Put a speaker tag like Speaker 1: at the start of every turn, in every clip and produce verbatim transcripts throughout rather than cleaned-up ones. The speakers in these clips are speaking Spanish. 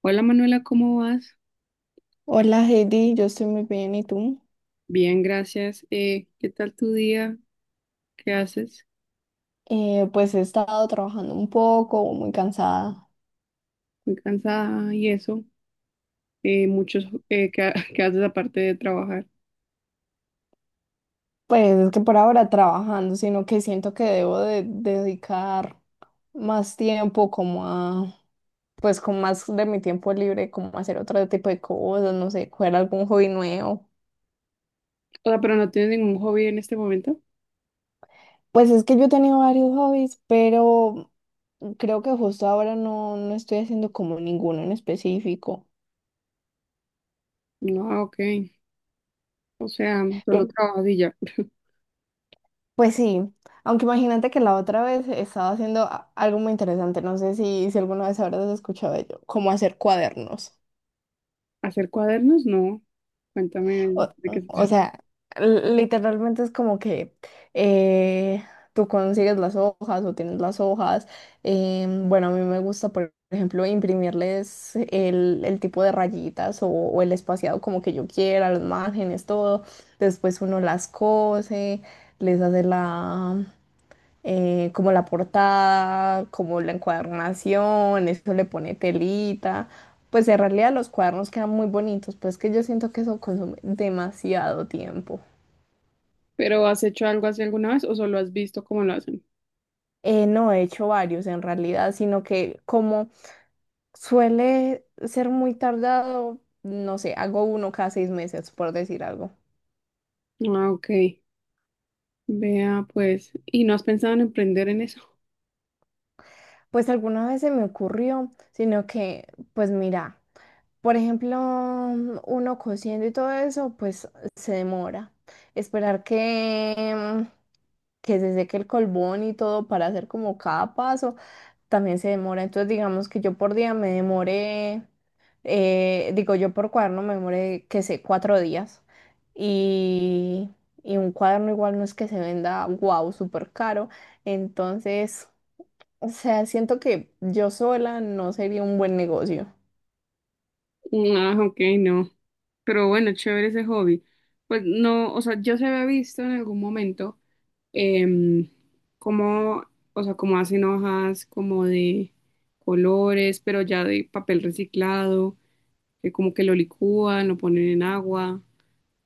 Speaker 1: Hola Manuela, ¿cómo vas?
Speaker 2: Hola Heidi, yo estoy muy bien, ¿y tú?
Speaker 1: Bien, gracias. Eh, ¿qué tal tu día? ¿Qué haces?
Speaker 2: Eh, pues he estado trabajando un poco, muy cansada.
Speaker 1: Muy cansada y eso. Eh, muchos, eh, ¿qué, ha- qué haces aparte de trabajar?
Speaker 2: Pues es que por ahora trabajando, sino que siento que debo de dedicar más tiempo como a, pues con más de mi tiempo libre, como a hacer otro tipo de cosas, no sé, coger algún hobby nuevo.
Speaker 1: O sea, pero no tienes ningún hobby en este momento.
Speaker 2: Pues es que yo he tenido varios hobbies, pero creo que justo ahora no, no estoy haciendo como ninguno en específico.
Speaker 1: No, ah, ok. O sea, solo trabajas y ya.
Speaker 2: Pues sí, aunque imagínate que la otra vez estaba haciendo a- algo muy interesante, no sé si, si alguna vez habrás escuchado ello, cómo hacer cuadernos.
Speaker 1: ¿Hacer cuadernos? No. Cuéntame
Speaker 2: O,
Speaker 1: de qué se
Speaker 2: o
Speaker 1: trata.
Speaker 2: sea, l- literalmente es como que eh, tú consigues las hojas o tienes las hojas. Em, bueno, a mí me gusta, por ejemplo, imprimirles el, el tipo de rayitas o, o el espaciado como que yo quiera, los márgenes, todo. Después uno las cose, les hace la... eh, como la portada, como la encuadernación, eso le pone telita. Pues en realidad los cuadernos quedan muy bonitos, pero es que yo siento que eso consume demasiado tiempo.
Speaker 1: ¿Pero has hecho algo así alguna vez o solo has visto cómo lo hacen?
Speaker 2: Eh, no he hecho varios en realidad, sino que como suele ser muy tardado, no sé, hago uno cada seis meses, por decir algo.
Speaker 1: Ah, ok. Vea, pues. ¿Y no has pensado en emprender en eso?
Speaker 2: Pues alguna vez se me ocurrió, sino que, pues mira. Por ejemplo, mm, uno cociendo y todo eso, pues se demora. Esperar que, mm, que se seque el colbón y todo para hacer como cada paso, también se demora. Entonces, digamos que yo por día me demoré, eh, digo yo por cuaderno me demoré, que sé, cuatro días. Y, y un cuaderno igual no es que se venda, wow, súper caro. Entonces, o sea, siento que yo sola no sería un buen negocio.
Speaker 1: Ah, ok, no. Pero bueno, chévere ese hobby. Pues no, o sea, yo se había visto en algún momento, em, como, o sea, como hacen hojas como de colores, pero ya de papel reciclado, que como que lo licúan, lo ponen en agua,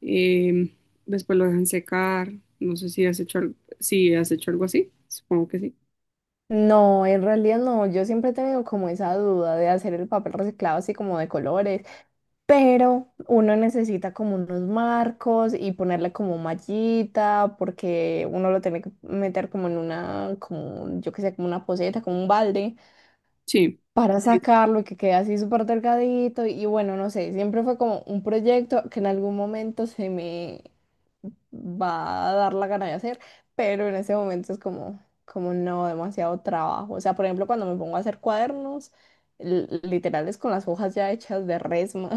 Speaker 1: em, después lo dejan secar. No sé si has hecho, al- si has hecho algo así. Supongo que sí.
Speaker 2: No, en realidad no. Yo siempre he tenido como esa duda de hacer el papel reciclado así como de colores, pero uno necesita como unos marcos y ponerle como mallita porque uno lo tiene que meter como en una, como yo qué sé, como una poceta, como un balde
Speaker 1: Sí.
Speaker 2: para sacarlo y que quede así súper delgadito. Y bueno, no sé, siempre fue como un proyecto que en algún momento se me va a dar la gana de hacer, pero en ese momento es como, como no, demasiado trabajo. O sea, por ejemplo, cuando me pongo a hacer cuadernos, l- literales con las hojas ya hechas de resma.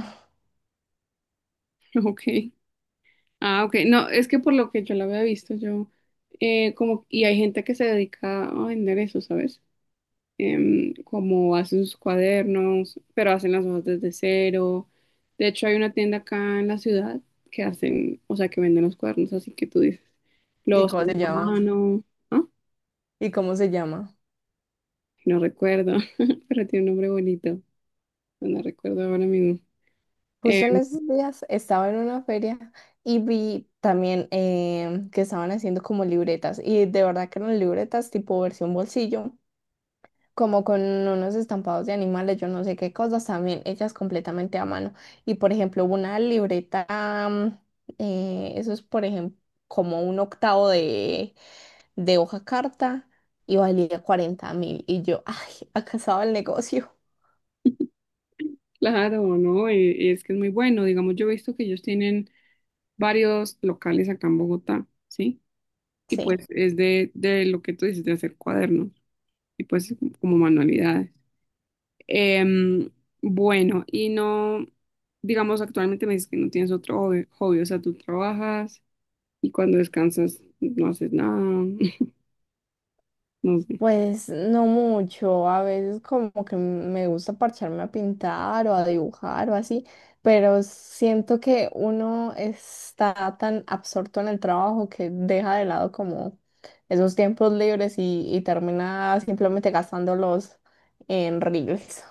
Speaker 1: Ok. Ah, ok. No, es que por lo que yo la había visto, yo, eh, como, y hay gente que se dedica a vender eso, ¿sabes? Em, como hacen sus cuadernos, pero hacen las hojas desde cero. De hecho, hay una tienda acá en la ciudad que hacen, o sea, que venden los cuadernos, así que tú dices,
Speaker 2: ¿Y
Speaker 1: los
Speaker 2: cómo
Speaker 1: hacen
Speaker 2: se
Speaker 1: a
Speaker 2: llama?
Speaker 1: mano, ¿ah?
Speaker 2: ¿Y cómo se llama?
Speaker 1: No recuerdo, pero tiene un nombre bonito, no recuerdo ahora mismo.
Speaker 2: Justo en
Speaker 1: Em,
Speaker 2: esos días estaba en una feria y vi también em, que estaban haciendo como libretas y de verdad que eran libretas tipo versión bolsillo como con unos estampados de animales, yo no sé qué cosas también, hechas completamente a mano. Y por ejemplo, una libreta, mm, eh, eso es por ejemplo como un octavo de, de hoja carta y valía cuarenta mil. Y yo, ay, acá estaba el negocio.
Speaker 1: claro, ¿no? Y, y es que es muy bueno. Digamos, yo he visto que ellos tienen varios locales acá en Bogotá, ¿sí? Y
Speaker 2: Sí.
Speaker 1: pues es de, de lo que tú dices, de hacer cuadernos y pues como manualidades. Em, bueno, y no, digamos, actualmente me dices que no tienes otro hobby, hobby, o sea, tú trabajas y cuando descansas no haces nada, no sé.
Speaker 2: Pues no mucho, a veces como que me gusta parcharme a pintar o a dibujar o así, pero siento que uno está tan absorto en el trabajo que deja de lado como esos tiempos libres y, y termina simplemente gastándolos en reels.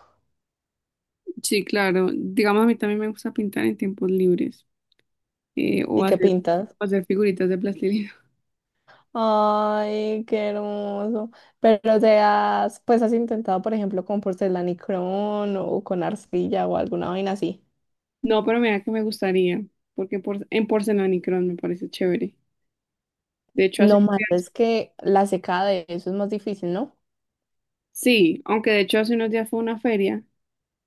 Speaker 1: Sí, claro, digamos, a mí también me gusta pintar en tiempos libres, eh, o
Speaker 2: ¿Y qué
Speaker 1: hacer,
Speaker 2: pintas?
Speaker 1: o hacer figuritas de plastilina.
Speaker 2: Ay, qué hermoso. Pero te has, pues has intentado, por ejemplo, con porcelanicrón o con arcilla o alguna vaina así.
Speaker 1: No, pero mira que me gustaría, porque por, en porcelanicrón me parece chévere. De hecho, hace
Speaker 2: Lo
Speaker 1: unos
Speaker 2: malo es
Speaker 1: días,
Speaker 2: que la secada de eso es más difícil, ¿no?
Speaker 1: sí, aunque de hecho hace unos días fue una feria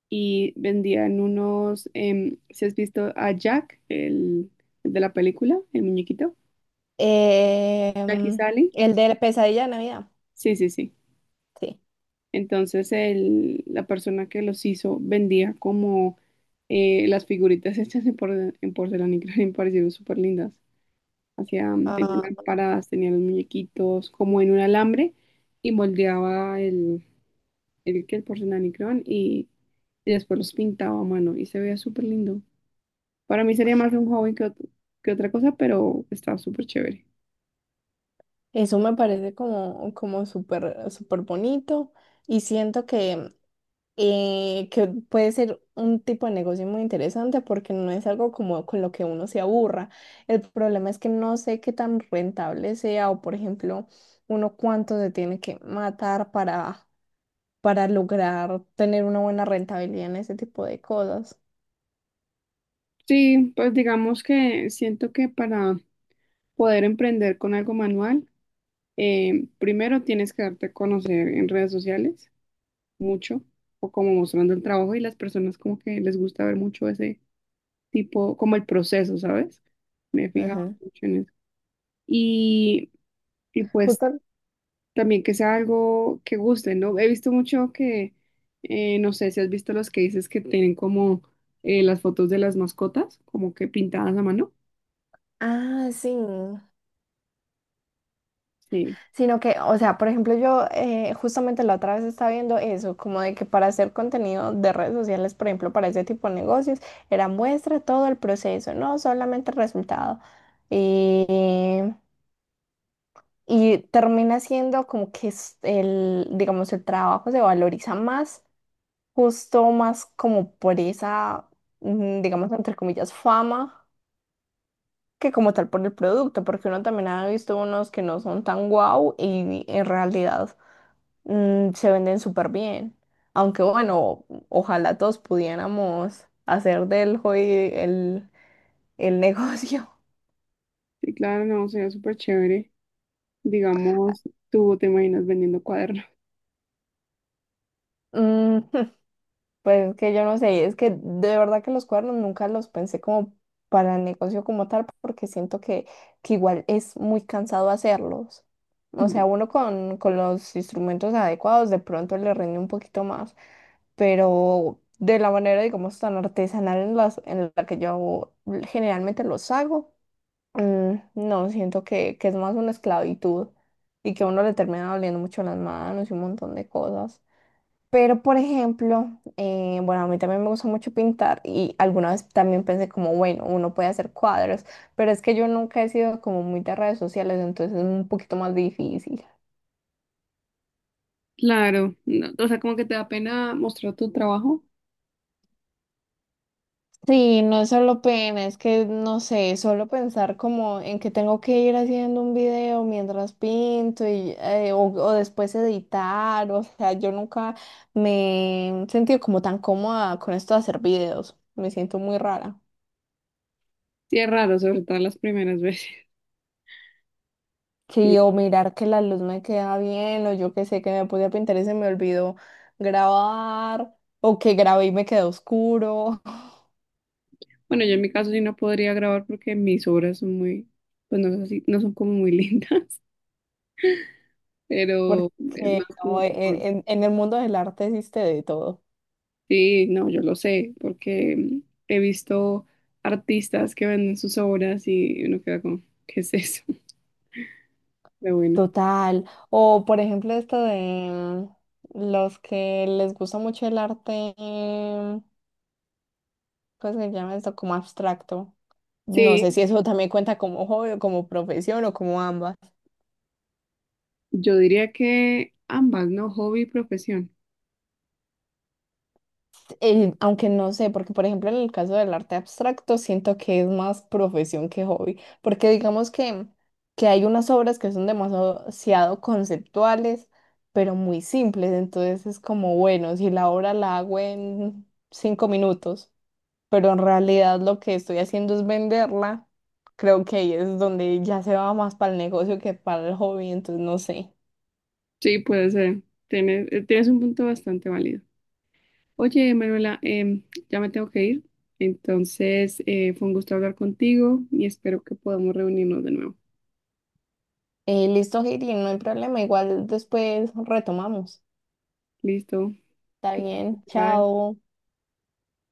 Speaker 1: y vendían unos, em, si has visto a Jack, el, el de la película, el muñequito,
Speaker 2: Em,
Speaker 1: Jack y Sally,
Speaker 2: el de la pesadilla de Navidad,
Speaker 1: sí, sí, sí.
Speaker 2: sí.
Speaker 1: Entonces el, la persona que los hizo vendía como eh, las figuritas hechas en, porce- en porcelana y creo me parecieron súper lindas. Hacían, tenían
Speaker 2: Ah,
Speaker 1: lámparas, tenían los muñequitos como en un alambre y moldeaba el, el, que el porcelanicrón y, y después los pintaba a mano y se veía súper lindo. Para mí sería más un hobby que, ot- que otra cosa, pero está súper chévere.
Speaker 2: eso me parece como, como súper, súper bonito y siento que, eh, que puede ser un tipo de negocio muy interesante porque no es algo como con lo que uno se aburra. El problema es que no sé qué tan rentable sea o, por ejemplo, uno cuánto se tiene que matar para, para lograr tener una buena rentabilidad en ese tipo de cosas.
Speaker 1: Sí, pues digamos que siento que para poder emprender con algo manual, eh, primero tienes que darte a conocer en redes sociales mucho, o como mostrando el trabajo y las personas como que les gusta ver mucho ese tipo, como el proceso, ¿sabes? Me he fijado
Speaker 2: Ujú.
Speaker 1: mucho en eso. Y, y pues
Speaker 2: Justo,
Speaker 1: también que sea algo que guste, ¿no? He visto mucho que, eh, no sé si has visto los que dices que tienen como eh, las fotos de las mascotas, como que pintadas a mano.
Speaker 2: ah, sí.
Speaker 1: Sí,
Speaker 2: Sino que, o sea, por ejemplo, yo eh, justamente la otra vez estaba viendo eso, como de que para hacer contenido de redes sociales, por ejemplo, para ese tipo de negocios, era muestra todo el proceso, no solamente el resultado. Y, y termina siendo como que es el, digamos, el trabajo se valoriza más, justo más como por esa, mm, digamos, entre comillas, fama que como tal por el producto, porque uno también ha visto unos que no son tan guau y en realidad mm, se venden súper bien. Aunque bueno, ojalá todos pudiéramos hacer del hobby el, el negocio.
Speaker 1: sí, claro, no, sería súper chévere. Digamos, tú te imaginas vendiendo cuadernos.
Speaker 2: Mm, pues que yo no sé, es que de verdad que los cuernos nunca los pensé como para el negocio como tal, porque siento que, que igual es muy cansado hacerlos. O
Speaker 1: Ya.
Speaker 2: sea, uno con, con los instrumentos adecuados de pronto le rinde un poquito más pero de la manera, digamos, tan artesanal en las, en la que yo generalmente los hago, mm, no, siento que, que es más una esclavitud y que a uno le termina doliendo mucho las manos y un montón de cosas. Pero, por ejemplo, eh, bueno, a mí también me gusta mucho pintar y alguna vez también pensé como, bueno, uno puede hacer cuadros, pero es que yo nunca he sido como muy de redes sociales, entonces es un poquito más difícil.
Speaker 1: Claro, no, o sea, como que te da pena mostrar tu trabajo.
Speaker 2: Sí, no es solo pena, es que no sé, solo pensar como en que tengo que ir haciendo un video mientras pinto y, eh, o, o después editar, o sea, yo nunca me he sentido como tan cómoda con esto de hacer videos, me siento muy rara.
Speaker 1: Sí, es raro, sobre todo las primeras veces. Sí.
Speaker 2: Sí, o mirar que la luz me queda bien, o yo que sé que me podía pintar y se me olvidó grabar, o que grabé y me quedó oscuro,
Speaker 1: Bueno, yo en mi caso sí no podría grabar porque mis obras son muy, pues no, sé si- no son como muy lindas, pero es más
Speaker 2: porque no,
Speaker 1: como...
Speaker 2: e- e, en en el mundo del arte existe de todo.
Speaker 1: Sí, no, yo lo sé, porque mm, he visto artistas que venden sus obras y uno queda como, ¿qué es eso? Pero bueno.
Speaker 2: Total. O por ejemplo esto de los que les gusta mucho el arte, ¿cómo se llama esto? Como abstracto. No
Speaker 1: Sí,
Speaker 2: sé si eso también cuenta como hobby o como profesión o como ambas.
Speaker 1: yo diría que ambas, ¿no? Hobby y profesión.
Speaker 2: Eh, aunque no sé, porque por ejemplo en el caso del arte abstracto siento que es más profesión que hobby, porque digamos que, que hay unas obras que son demasiado conceptuales, pero muy simples, entonces es como, bueno, si la obra la hago en cinco minutos pero en realidad lo que estoy haciendo es venderla. Creo que ahí es donde ya se va más para el negocio que para el hobby, entonces no sé.
Speaker 1: Sí, puede ser. Tienes, eh, tienes un punto bastante válido. Oye, Manuela, em, ya me tengo que ir. Entonces, eh, fue un gusto hablar contigo y espero que podamos reunirnos de nuevo.
Speaker 2: Eh, listo, Heidi, no hay problema, igual después retomamos.
Speaker 1: Listo.
Speaker 2: Está
Speaker 1: Que-
Speaker 2: bien,
Speaker 1: Bye.
Speaker 2: chao.